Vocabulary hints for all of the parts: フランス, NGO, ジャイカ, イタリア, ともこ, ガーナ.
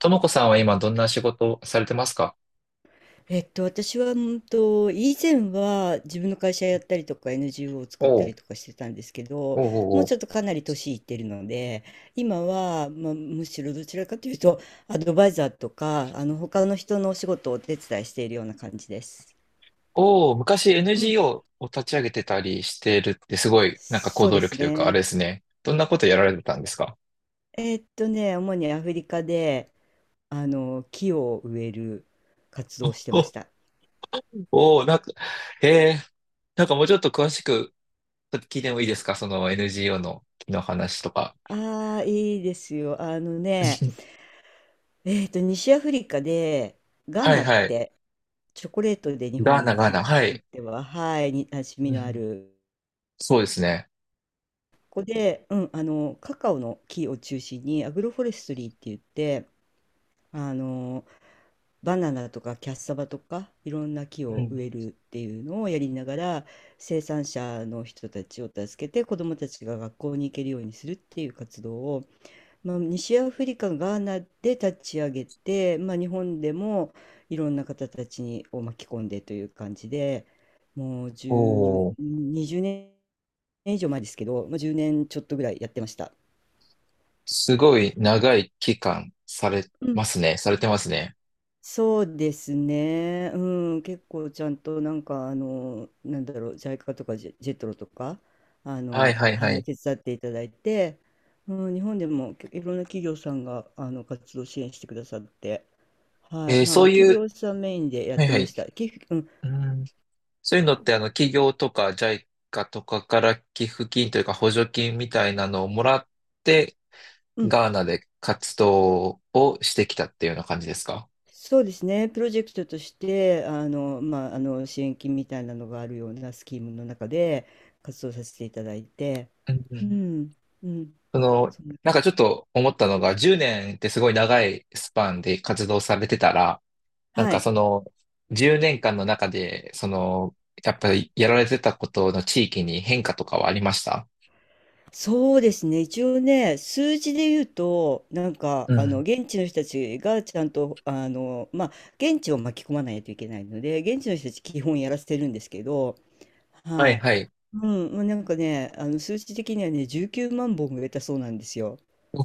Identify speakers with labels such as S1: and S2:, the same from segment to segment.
S1: ともこさんは今どんな仕事をされてますか？
S2: 私は、以前は自分の会社やったりとか NGO を作った
S1: お
S2: り
S1: う、
S2: とかしてたんですけ
S1: お
S2: ど、
S1: う
S2: も
S1: おう
S2: う
S1: おう、
S2: ちょっとかなり年いってるので、今は、まあ、むしろどちらかというと、アドバイザーとか、他の人のお仕事をお手伝いしているような感じです。
S1: おう、昔
S2: うん。
S1: NGO を立ち上げてたりしてるってすごい、なんか行
S2: そう
S1: 動
S2: で
S1: 力
S2: す
S1: というか、あれで
S2: ね。
S1: すね。どんなことやられてたんですか？
S2: 主にアフリカで、木を植える活動をしてまし
S1: お、
S2: た。
S1: おう、なんか、へえ、なんかもうちょっと詳しく聞いてもいいですか、その NGO の木の話とか。
S2: ああ、いいですよ。西アフリカで、ガー
S1: は
S2: ナ
S1: い
S2: っ
S1: はい。
S2: て、チョコレートで日
S1: ガーナ、
S2: 本
S1: ガー
S2: 人
S1: ナ、は
S2: にとっ
S1: い。
S2: ては、はい、に馴染み
S1: う
S2: のあ
S1: ん、
S2: る。
S1: そうですね。
S2: ここで、カカオの木を中心に、アグロフォレストリーって言って、あの、バナナとかキャッサバとか、いろんな木
S1: う
S2: を
S1: ん、
S2: 植えるっていうのをやりながら、生産者の人たちを助けて、子どもたちが学校に行けるようにするっていう活動を、まあ、西アフリカ、ガーナで立ち上げて、まあ、日本でもいろんな方たちにを巻き込んでという感じで、もう
S1: おお、
S2: 10、20年以上前ですけど、まあ、10年ちょっとぐらいやってました。
S1: すごい長い期間され
S2: う
S1: ま
S2: ん、
S1: すね。されてますね。
S2: そうですね、結構ちゃんとなんかなんだろうジャイカとかジェトロとか
S1: はいはいは
S2: はい、
S1: い。
S2: 手伝っていただいて、うん、日本でもいろんな企業さんが活動支援してくださって、は
S1: え
S2: い、
S1: ー、
S2: まあ、
S1: そうい
S2: 企
S1: う、
S2: 業さんメインでやっ
S1: はい
S2: て
S1: は
S2: ま
S1: い。
S2: した。うん、
S1: うん、そういうのって、あの、企業とかジャイカとかから寄付金というか補助金みたいなのをもらって、
S2: うん、
S1: ガーナで活動をしてきたっていうような感じですか？
S2: そうですね、プロジェクトとして、まあ、支援金みたいなのがあるようなスキームの中で活動させていただいて、
S1: うんう
S2: う
S1: ん、
S2: ん、うん、
S1: その、
S2: そんな
S1: なんかちょっと思ったのが、10年ってすごい長いスパンで活動されてたら、なん
S2: は
S1: か
S2: い、
S1: その、10年間の中で、その、やっぱりやられてたことの地域に変化とかはありました？
S2: そうですね、一応ね、数字で言うと、なんか、
S1: うん。
S2: 現地の人たちがちゃんと、現地を巻き込まないといけないので、現地の人たち、基本やらせてるんですけど、
S1: はい
S2: はい。
S1: はい。
S2: うん、まあ、なんかね、数値的にはね、19万本植えたそうなんですよ。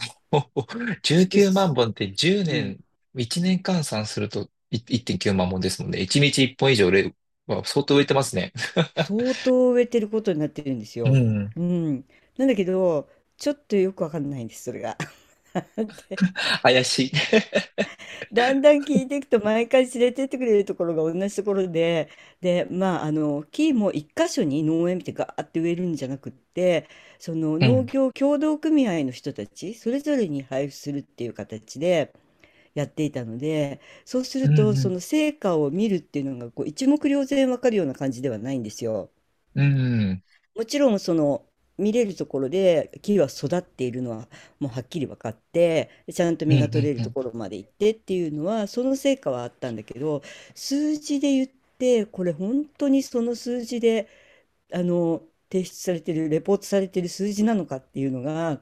S1: おお、
S2: ちょっと
S1: 19万
S2: す、
S1: 本って10
S2: うん、
S1: 年、1年換算するとい1.9万本ですもんね。1日1本以上売れ、わ相当売れてますね。
S2: 相当植えてることになってるんです
S1: う
S2: よ。
S1: ん。
S2: うん。なんだけど、ちょっとよくわかんないんです、それが。で
S1: 怪しい。
S2: だんだん聞いていくと、毎回連れてってくれるところが同じところで、で、まあ、木も一箇所に農園見てガーって植えるんじゃなくって、その
S1: う
S2: 農
S1: ん。
S2: 業協同組合の人たち、それぞれに配布するっていう形で、やっていたので、そうす
S1: う
S2: るとそ
S1: ん。
S2: の成果を見るっていうのがこう一目瞭然わかるような感じではないんですよ。
S1: うん。うん。
S2: もちろんその見れるところで木は育っているのはもうはっきり分かって、ちゃんと
S1: う
S2: 実が取
S1: ん。
S2: れ
S1: う
S2: ると
S1: ん。
S2: ころまで行ってっていうのはその成果はあったんだけど、数字で言って、これ本当にその数字で、あの提出されてるレポートされてる数字なのかっていうのが、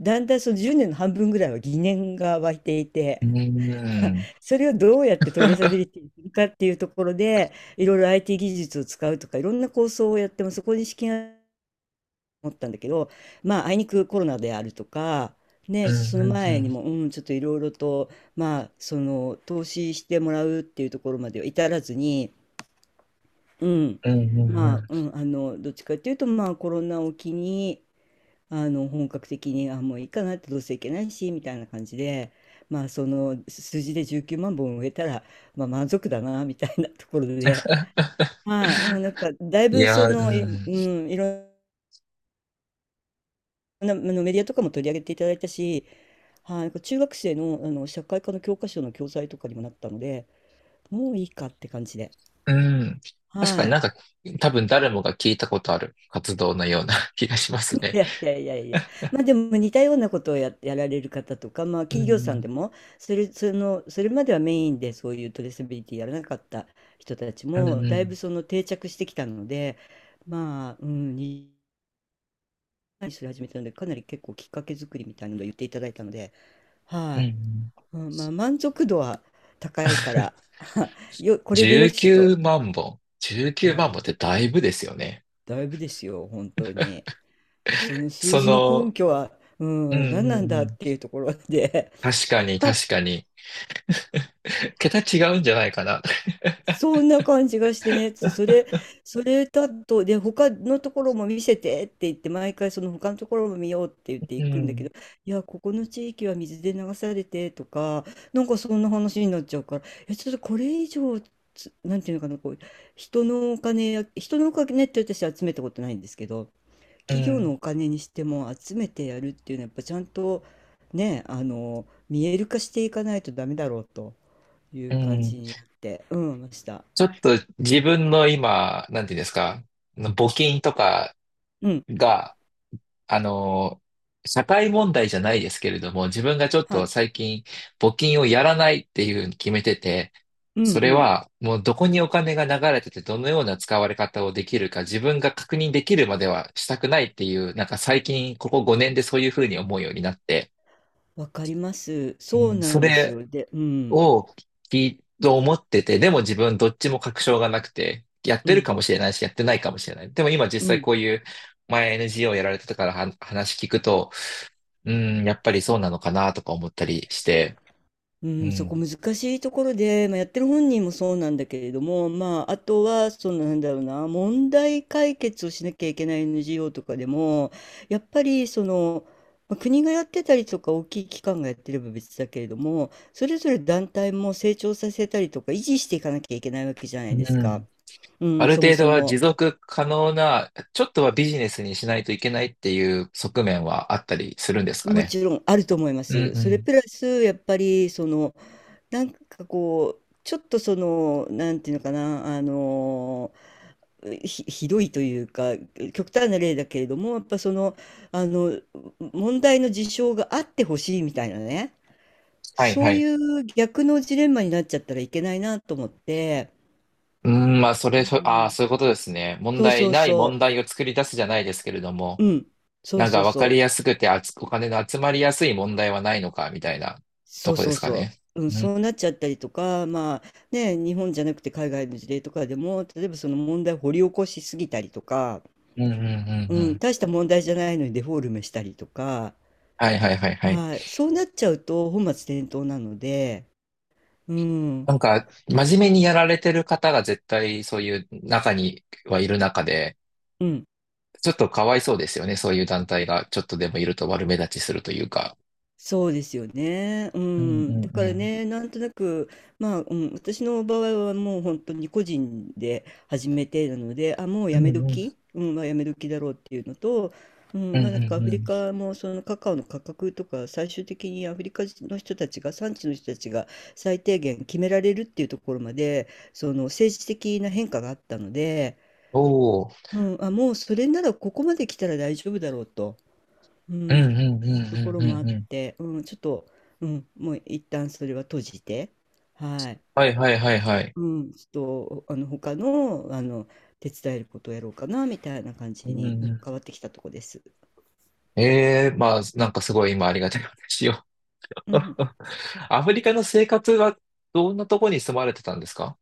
S2: だんだんその10年の半分ぐらいは疑念が湧いてい
S1: う
S2: て。
S1: ん。うん。うん。
S2: それをどうやってトレーサビリティにするかっていうところで、いろいろ IT 技術を使うとか、いろんな構想をやっても、そこに資金が持ったんだけど、まあ、あいにくコロナであるとか、
S1: う
S2: ね、その前に
S1: ん。
S2: も、ちょっといろいろと、まあ、その、投資してもらうっていうところまでは至らずに、うん、
S1: うん。うん、
S2: どっちかっていうと、まあ、コロナを機に、本格的に、もういいかなって、どうせいけないしみたいな感じで、まあその数字で19万本植えたら、まあ、満足だなみたいなところで、はい、なんかだい
S1: い
S2: ぶそ
S1: やー、う
S2: の
S1: ん。
S2: いろんなまあのメディアとかも取り上げていただいたし、はい、なんか中学生の、社会科の教科書の教材とかにもなったのでもういいかって感じで。
S1: うん。確
S2: は
S1: かに
S2: い。
S1: なんか、多分誰もが聞いたことある活動のような 気がします
S2: い
S1: ね。
S2: やいやいやいや、まあでも似たようなことをやられる方とか、まあ
S1: う
S2: 企業さん
S1: ん。
S2: でも、それまではメインでそういうトレーサビリティやらなかった人たち
S1: うん。う
S2: も、だいぶ
S1: ん。
S2: その定着してきたので、まあ、それ始めたので、かなり結構きっかけ作りみたいなのを言っていただいたので、
S1: うん。う
S2: は
S1: ん、
S2: い、うん、まあ満足度は高いから、これでよ
S1: 19
S2: しと、
S1: 万本。19
S2: うん、
S1: 万本ってだいぶですよね。
S2: だいぶですよ、本当に。で、その数
S1: そ
S2: 字の根
S1: の、
S2: 拠は、
S1: うんう
S2: 何なん
S1: ん
S2: だ
S1: う
S2: っ
S1: ん。
S2: ていうところで、
S1: 確かに
S2: あ
S1: 確かに。桁違うんじゃないかな。
S2: そんな感じがしてね、それ、それだと、で、他のところも見せてって言って、毎回その他のところも見ようって言って
S1: う
S2: 行くんだけ
S1: ん、
S2: ど、いや、ここの地域は水で流されてとか、なんかそんな話になっちゃうから、ちょっとこれ以上、なんていうのかな、こう、人のお金って私集めたことないんですけど、
S1: う
S2: 企業
S1: ん、
S2: のお金にしても集めてやるっていうのは、やっぱちゃんとね、見える化していかないとダメだろうと。い
S1: う
S2: う感じ
S1: ん。
S2: になって、ました。
S1: ちょっと自分の今、なんていうんですか、募金とか
S2: うん、
S1: が、あの、社会問題じゃないですけれども、自分がちょっ
S2: はい、
S1: と最近募金をやらないっていうふうに決めてて、
S2: うん
S1: そ
S2: う
S1: れ
S2: ん、
S1: はもうどこにお金が流れててどのような使われ方をできるか自分が確認できるまではしたくないっていう、なんか最近ここ5年でそういうふうに思うようになって、
S2: わかります。
S1: う
S2: そう
S1: ん、
S2: な
S1: そ
S2: んです
S1: れ
S2: よ。で、
S1: を聞いと思ってて、でも自分どっちも確証がなくて、やっ
S2: う
S1: てる
S2: ん、
S1: かもしれないし、やってないかもしれない。でも今実
S2: う
S1: 際こ
S2: ん、
S1: ういう前 NGO やられてたからは話聞くと、うん、やっぱりそうなのかなとか思ったりして、
S2: う
S1: う
S2: ん、そこ
S1: ん。
S2: 難しいところで、まあ、やってる本人もそうなんだけれども、まあ、あとは、そのなんだろうな、問題解決をしなきゃいけない NGO とかでも、やっぱりその、まあ国がやってたりとか大きい機関がやってれば別だけれども、それぞれ団体も成長させたりとか維持していかなきゃいけないわけじゃな
S1: う
S2: いですか。
S1: ん。
S2: う
S1: あ
S2: ん、
S1: る
S2: そも
S1: 程度
S2: そ
S1: は持
S2: も。
S1: 続可能な、ちょっとはビジネスにしないといけないっていう側面はあったりするんですか
S2: も
S1: ね？
S2: ちろんあると思いま
S1: うん
S2: す。
S1: う
S2: それ
S1: ん。
S2: プラス、やっぱり、その、なんかこう、ちょっとその、なんていうのかな、ひどいというか、極端な例だけれども、やっぱその、あの、問題の事象があってほしいみたいなね、
S1: はい
S2: そ
S1: は
S2: うい
S1: い。
S2: う逆のジレンマになっちゃったらいけないなと思って、
S1: うん、まあ、そ
S2: う
S1: れ、そ、ああ、
S2: ん、
S1: そういうことですね。問
S2: そう
S1: 題
S2: そう
S1: ない
S2: そ
S1: 問題を作り出すじゃないですけれども、
S2: う、うん、そう
S1: なん
S2: そ
S1: か
S2: う
S1: 分
S2: そ
S1: かり
S2: う。
S1: やすくてあつ、お金の集まりやすい問題はないのか、みたいなと
S2: そう
S1: こで
S2: そう
S1: すか
S2: そ
S1: ね。
S2: う、
S1: う
S2: そう
S1: ん。
S2: なっちゃったりとか、まあね、日本じゃなくて海外の事例とかでも、例えばその問題を掘り起こしすぎたりとか、
S1: うんうんうんう
S2: うん、
S1: ん。
S2: 大した問題じゃないのにデフォルメしたりとか、
S1: はいはいはいはい。
S2: はい、そうなっちゃうと本末転倒なので、うん、
S1: なんか、真面目にやられてる方が絶対そういう中にはいる中で、
S2: うん、
S1: ちょっとかわいそうですよね。そういう団体がちょっとでもいると悪目立ちするというか。
S2: そうですよね。う
S1: うんう
S2: ん。だ
S1: んう
S2: から
S1: ん。
S2: ね、なんとなく、まあ、私の場合はもう本当に個人で始めてなので、もう
S1: う
S2: や
S1: ん
S2: め
S1: うん。
S2: 時、まあやめ時だろうっていうのと、う
S1: う
S2: ん、
S1: ん
S2: まあな
S1: う
S2: んかア
S1: ん
S2: フ
S1: う
S2: リ
S1: ん。
S2: カもそのカカオの価格とか最終的にアフリカの人たちが産地の人たちが最低限決められるっていうところまでその政治的な変化があったので、
S1: おー。
S2: もうそれならここまで来たら大丈夫だろうと。う
S1: うん
S2: ん、
S1: うんう
S2: いう
S1: ん
S2: とこ
S1: うん
S2: ろも
S1: う
S2: あっ
S1: んうん。
S2: て、うん、ちょっと、うん、もう一旦それは閉じて、はい、
S1: はいはいはいはい。
S2: うん、ちょっと、他の、手伝えることをやろうかな、みたいな感
S1: う
S2: じに、
S1: んう
S2: 変わってきたとこです。
S1: ん。ええー、まあ、なんかすごい今ありがたい話を。
S2: うん、
S1: アフリカの生活はどんなとこに住まれてたんですか？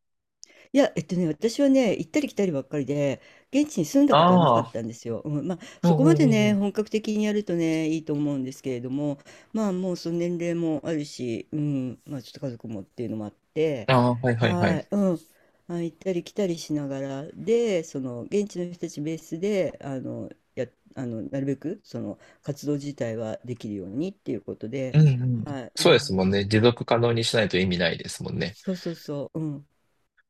S2: いや、私はね、行ったり来たりばっかりで、現地に住んだ
S1: あ
S2: ことはなか
S1: あ
S2: った
S1: ー。
S2: んですよ。うん、まあ、
S1: う
S2: そ
S1: ん
S2: こ
S1: う
S2: ま
S1: ん
S2: で
S1: うんう
S2: ね、
S1: ん。
S2: 本格的にやるとね、いいと思うんですけれども、まあ、もうその年齢もあるし、まあ、ちょっと家族もっていうのもあって、
S1: ああ、はいはいは
S2: はい、
S1: い。
S2: まあ、行ったり来たりしながら、で、その、現地の人たちベースで、あの、や、あの、なるべく、その、活動自体はできるようにっていうこと
S1: う
S2: で、
S1: んうん。
S2: はい、う
S1: そうです
S2: ん、
S1: もんね。持続可能にしないと意味ないですもんね。
S2: そうそうそう、うん、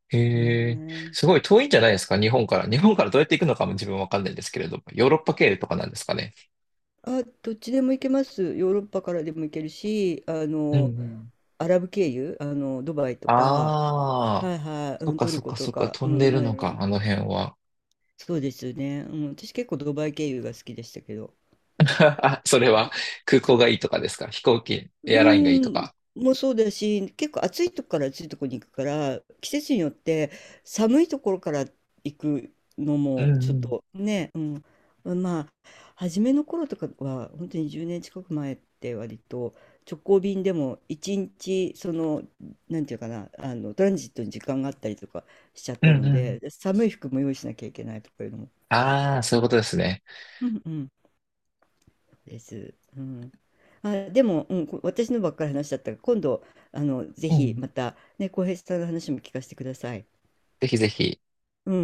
S1: へえ、
S2: ね
S1: す
S2: え。
S1: ごい遠いんじゃないですか、日本から。日本からどうやって行くのかも自分わかんないんですけれども、ヨーロッパ経由とかなんですかね。
S2: あ、どっちでも行けます。ヨーロッパからでも行けるし、
S1: うんうん。
S2: アラブ経由、ドバイとか、
S1: ああ、
S2: はいはい、
S1: そっか
S2: トル
S1: そっ
S2: コ
S1: か
S2: と
S1: そっか、
S2: か、
S1: 飛んでる
S2: まあ、い
S1: の
S2: ろい
S1: か、
S2: ろ。
S1: あの辺は。
S2: そうですね。うん、私結構ドバイ経由が好きでしたけど。
S1: あ、それは空港がいいとかですか、飛行機、
S2: う
S1: エアラインがいいと
S2: ーん、
S1: か。
S2: もうそうだし、結構暑いとこから暑いとこに行くから、季節によって寒いところから行くの
S1: うん
S2: もちょ
S1: う
S2: っ
S1: ん。
S2: とね、まあ、初めの頃とかは、本当に10年近く前って割と直行便でも1日、その、なんていうかな、トランジットに時間があったりとかしちゃっ
S1: う
S2: た
S1: ん
S2: の
S1: うん。
S2: で、寒い服も用意しなきゃいけないとかいうのも。
S1: ああ、そういうことですね。
S2: うんうん。です。うん、でも、私のばっかり話しちゃったから、今度、ぜ
S1: う
S2: ひ
S1: ん。
S2: また、ね、浩平さんの話も聞かせてください。
S1: ぜひぜひ。
S2: うん